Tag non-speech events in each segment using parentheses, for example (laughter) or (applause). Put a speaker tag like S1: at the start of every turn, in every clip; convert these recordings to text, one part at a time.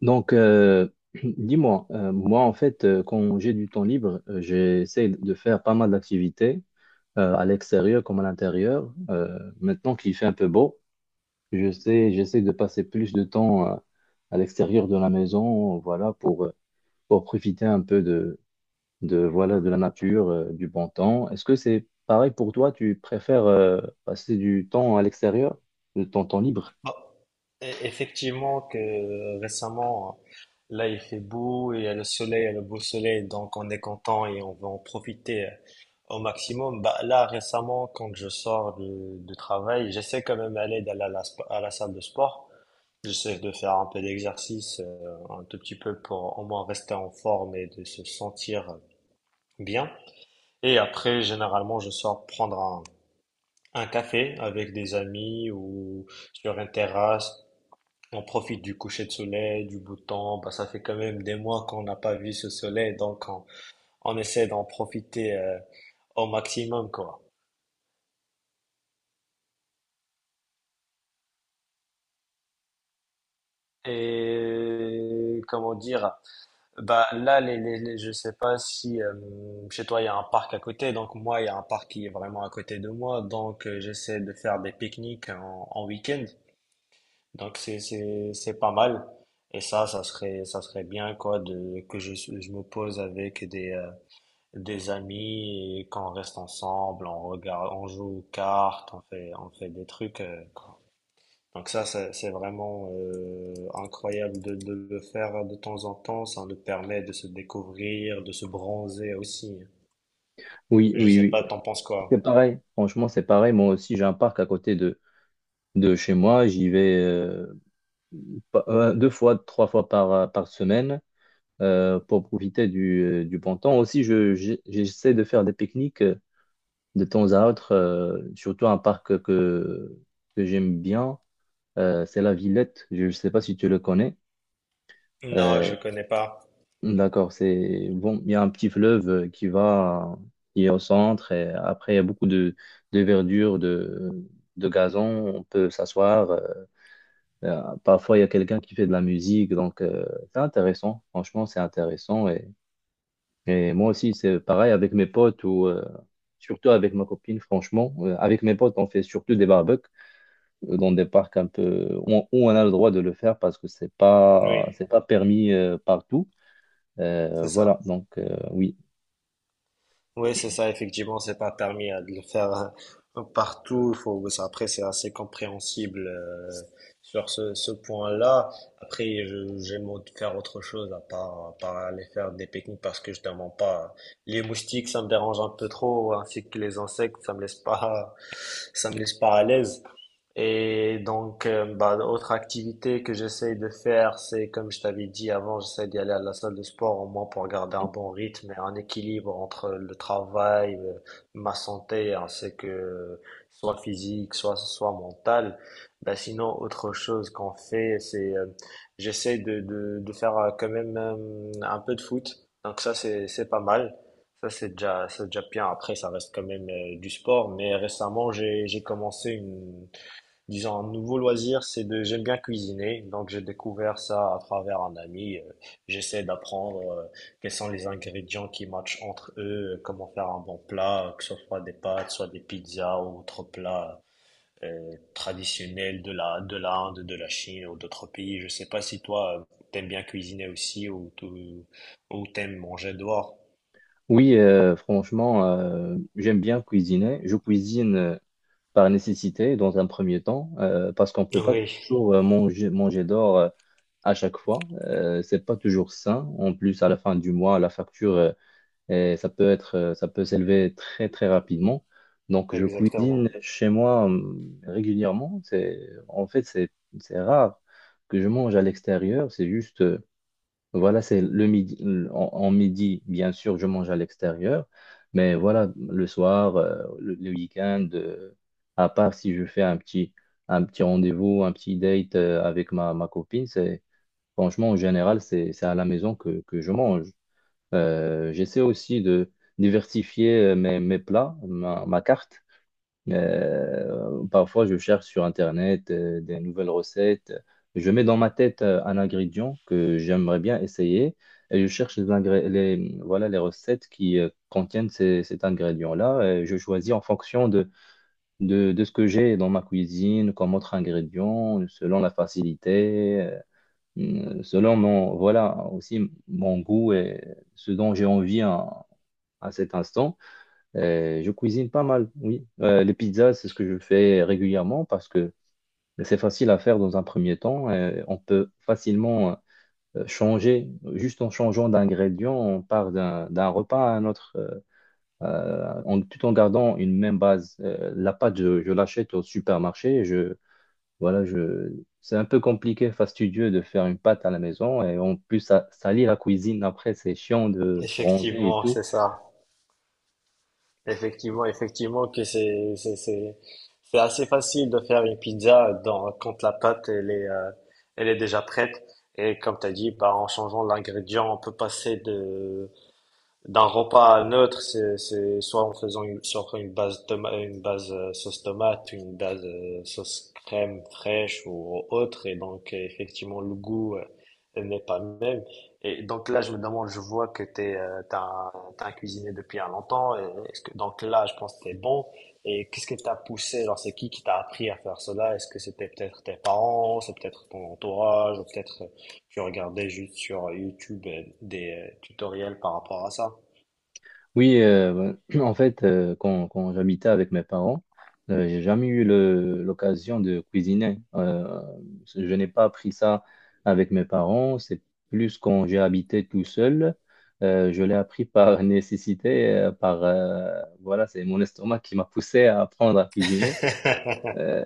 S1: Donc, euh, (clears throat) dis-moi, moi en fait, quand j'ai du temps libre, j'essaie de faire pas mal d'activités à l'extérieur comme à l'intérieur. Maintenant qu'il fait un peu beau, je sais, j'essaie de passer plus de temps à l'extérieur de la maison, voilà, pour profiter un peu de, voilà, de la nature, du bon temps. Est-ce que c'est pareil pour toi? Tu préfères passer du temps à l'extérieur, de ton temps libre?
S2: Bon, effectivement que récemment, là il fait beau, et il y a le soleil, il y a le beau soleil, donc on est content et on va en profiter au maximum. Bah, là récemment, quand je sors du travail, j'essaie quand même d'aller à à la salle de sport. J'essaie de faire un peu d'exercice, un tout petit peu pour au moins rester en forme et de se sentir bien. Et après, généralement, je sors prendre un café avec des amis ou sur une terrasse on profite du coucher de soleil, du beau temps. Bah, ça fait quand même des mois qu'on n'a pas vu ce soleil, on essaie d'en profiter au maximum, quoi. Et comment dire, bah là, je sais pas si chez toi il y a un parc à côté, donc moi il y a un parc qui est vraiment à côté de moi, donc j'essaie de faire des pique-niques en week-end, donc c'est pas mal. Et ça, ça serait bien quoi de que je me pose avec des des amis et quand on reste ensemble, on regarde, on joue aux cartes, on fait des trucs. Donc ça, c'est vraiment incroyable de le faire de temps en temps. Ça nous permet de se découvrir, de se bronzer aussi.
S1: Oui,
S2: Je
S1: oui,
S2: sais
S1: oui.
S2: pas, t'en penses quoi?
S1: C'est pareil. Franchement, c'est pareil. Moi aussi, j'ai un parc à côté de chez moi. J'y vais deux fois, trois fois par par semaine pour profiter du du bon temps. Aussi, j'essaie de faire des pique-niques de temps à autre, surtout un parc que j'aime bien. C'est la Villette. Je ne sais pas si tu le connais.
S2: Non,
S1: Euh,
S2: je connais pas.
S1: d'accord, c'est bon. Il y a un petit fleuve qui est au centre et après il y a beaucoup de verdure, de gazon. On peut s'asseoir. Parfois, il y a quelqu'un qui fait de la musique, donc c'est intéressant. Franchement, c'est intéressant. Et moi aussi, c'est pareil avec mes potes ou surtout avec ma copine, franchement. Avec mes potes, on fait surtout des barbecues dans des parcs un peu où où on a le droit de le faire parce que
S2: Oui,
S1: c'est pas permis partout.
S2: c'est ça.
S1: Oui.
S2: Oui, c'est ça, effectivement, c'est pas permis de le faire partout. Il faut, après, c'est assez compréhensible sur ce point-là. Après, j'aime faire autre chose à à part aller faire des pique-niques parce que je ne mens pas. Les moustiques, ça me dérange un peu trop, ainsi que les insectes, ça me laisse pas, (laughs) ça me laisse pas à l'aise. Et donc, bah, autre activité que j'essaye de faire, c'est comme je t'avais dit avant, j'essaie d'y aller à la salle de sport au moins pour garder un bon rythme et un équilibre entre le travail, ma santé, ainsi que soit physique, soit mentale. Bah, sinon, autre chose qu'on fait, c'est j'essaie de faire quand même un peu de foot. Donc ça, c'est pas mal. Ça, c'est déjà bien. Après, ça reste quand même du sport. Mais récemment, j'ai commencé disons, un nouveau loisir, c'est de, j'aime bien cuisiner, donc j'ai découvert ça à travers un ami. J'essaie d'apprendre quels sont les ingrédients qui matchent entre eux, comment faire un bon plat, que ce soit des pâtes, soit des pizzas ou autres plats traditionnels de de l'Inde, de la Chine ou d'autres pays. Je sais pas si toi, t'aimes bien cuisiner aussi ou ou t'aimes manger dehors.
S1: Oui, franchement, j'aime bien cuisiner. Je cuisine par nécessité dans un premier temps, parce qu'on ne peut pas
S2: Oui,
S1: toujours manger d'or à chaque fois. C'est pas toujours sain. En plus, à la fin du mois, la facture, et ça peut ça peut s'élever très très rapidement. Donc, je
S2: exactement.
S1: cuisine chez moi régulièrement. En fait, c'est rare que je mange à l'extérieur. C'est le midi. En, en midi, bien sûr, je mange à l'extérieur, mais voilà, le soir, le week-end, à part si je fais un petit rendez-vous, un petit date avec ma copine, c'est franchement, en général, c'est à la maison que je mange. J'essaie aussi de diversifier mes plats, ma carte. Parfois, je cherche sur Internet des nouvelles recettes. Je mets dans ma tête un ingrédient que j'aimerais bien essayer et je cherche voilà, les recettes qui contiennent cet ingrédient-là. Et je choisis en fonction de ce que j'ai dans ma cuisine comme autre ingrédient, selon la facilité, selon mon, voilà, aussi mon goût et ce dont j'ai envie à cet instant. Je cuisine pas mal, oui. Les pizzas, c'est ce que je fais régulièrement parce que c'est facile à faire dans un premier temps. On peut facilement changer juste en changeant d'ingrédients, on part d'un repas à un autre, tout en gardant une même base. La pâte, je l'achète au supermarché. Voilà, je, c'est un peu compliqué, fastidieux de faire une pâte à la maison et en plus, ça salir la cuisine après, c'est chiant de ranger et
S2: Effectivement,
S1: tout.
S2: c'est ça. Effectivement, effectivement que c'est c'est assez facile de faire une pizza dans quand la pâte elle est déjà prête et comme tu as dit bah en changeant l'ingrédient on peut passer de d'un repas neutre, c'est soit en faisant soit en faisant une base une base sauce tomate, une base sauce crème fraîche ou autre, et donc effectivement le goût n'est pas le même. Et donc là, je me demande, je vois que t'as un cuisinier depuis un longtemps, et est-ce que, donc là, je pense que t'es bon. Et qu'est-ce que t'as poussé? Genre, c'est qui t'a appris à faire cela? Est-ce que c'était peut-être tes parents, c'est peut-être ton entourage, ou peut-être tu regardais juste sur YouTube des tutoriels par rapport à ça?
S1: Oui, (clears throat) en fait, quand j'habitais avec mes parents, j'ai jamais eu l'occasion de cuisiner. Je n'ai pas appris ça avec mes parents. C'est plus quand j'ai habité tout seul. Je l'ai appris par (laughs) nécessité, c'est mon estomac qui m'a poussé à apprendre à cuisiner. Euh,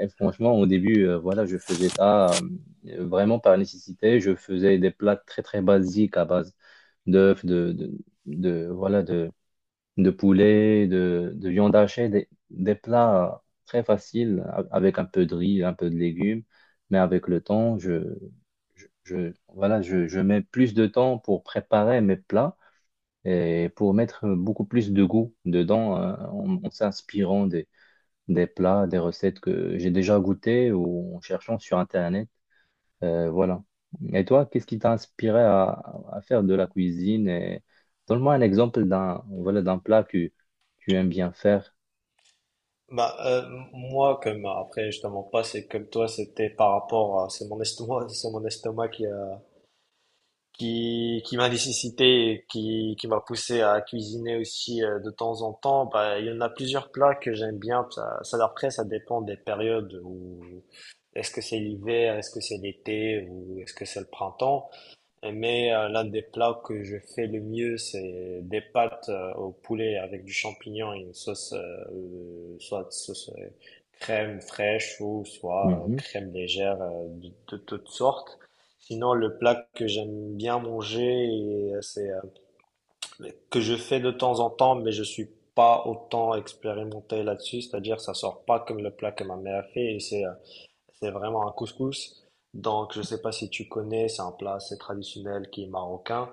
S1: et franchement, au début, je faisais ça vraiment par nécessité. Je faisais des plats très très basiques à base d'œufs, de voilà de de poulet, de viande hachée, des plats très faciles avec un peu de riz, un peu de légumes. Mais avec le temps, je mets plus de temps pour préparer mes plats et pour mettre beaucoup plus de goût dedans en s'inspirant des plats, des recettes que j'ai déjà goûtées ou en cherchant sur Internet. Euh, voilà. Et toi, qu'est-ce qui t'a inspiré à faire de la cuisine et donne-moi un exemple d'un plat que tu aimes bien faire.
S2: Bah, moi, comme après, je te mens pas, c'est comme toi, c'était par rapport à, c'est mon estomac, (laughs) c'est mon estomac qui a, qui m'a nécessité, et qui m'a poussé à cuisiner aussi de temps en temps. Bah, il y en a plusieurs plats que j'aime bien. Après, ça dépend des périodes où, est-ce que c'est l'hiver, est-ce que c'est l'été, ou est-ce que c'est le printemps. Mais l'un des plats que je fais le mieux, c'est des pâtes au poulet avec du champignon et une sauce, soit sauce crème fraîche ou soit
S1: Mhm.
S2: crème légère de toutes sortes. Sinon, le plat que j'aime bien manger, c'est que je fais de temps en temps, mais je suis pas autant expérimenté là-dessus, c'est-à-dire ça sort pas comme le plat que ma mère fait, et c'est vraiment un couscous. Donc, je sais pas si tu connais, c'est un plat assez traditionnel qui est marocain.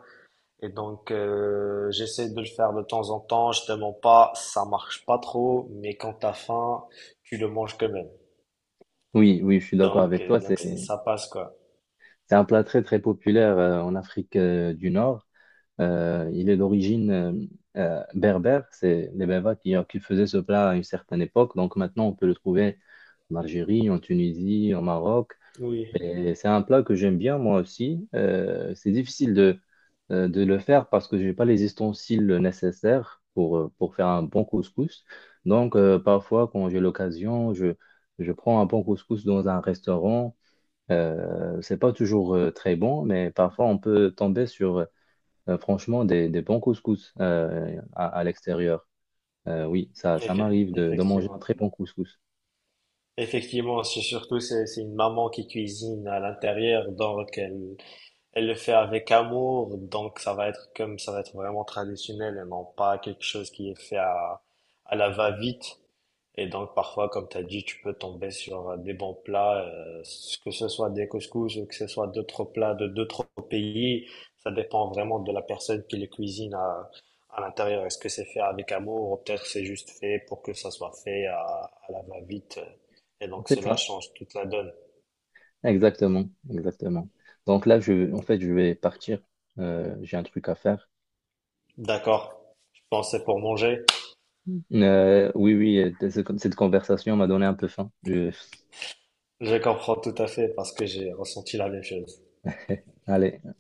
S2: Et donc, j'essaie de le faire de temps en temps. Je te mens pas, ça marche pas trop, mais quand t'as faim, tu le manges quand même.
S1: Oui, oui, je suis d'accord
S2: Donc,
S1: avec toi.
S2: donc ça ça passe quoi.
S1: C'est un plat très, très populaire en Afrique du Nord. Il est d'origine berbère. C'est les Berbères qui qui faisaient ce plat à une certaine époque. Donc maintenant, on peut le trouver en Algérie, en Tunisie, au Maroc.
S2: Oui,
S1: Et c'est un plat que j'aime bien moi aussi. C'est difficile de le faire parce que j'ai pas les ustensiles nécessaires pour faire un bon couscous. Donc parfois quand j'ai l'occasion, je prends un bon couscous dans un restaurant. C'est pas toujours très bon, mais parfois on peut tomber sur franchement des bons couscous à l'extérieur. Oui, ça m'arrive de manger un
S2: effectivement.
S1: très bon couscous.
S2: Effectivement, c'est surtout c'est une maman qui cuisine à l'intérieur, donc elle le fait avec amour, donc ça va être comme ça va être vraiment traditionnel et non pas quelque chose qui est fait à la va-vite. Et donc parfois, comme tu as dit, tu peux tomber sur des bons plats, que ce soit des couscous ou que ce soit d'autres plats de d'autres pays. Ça dépend vraiment de la personne qui les cuisine à l'intérieur. Est-ce que c'est fait avec amour ou peut-être c'est juste fait pour que ça soit fait à la va-vite. Et donc
S1: C'est
S2: cela
S1: ça.
S2: change toute la donne.
S1: Exactement, exactement. Donc là en fait, je vais partir. J'ai un truc à faire.
S2: D'accord, je pensais pour manger.
S1: Oui, oui, cette conversation m'a donné un peu faim. Je-
S2: Je comprends tout à fait parce que j'ai ressenti la même chose.
S1: (laughs) Allez.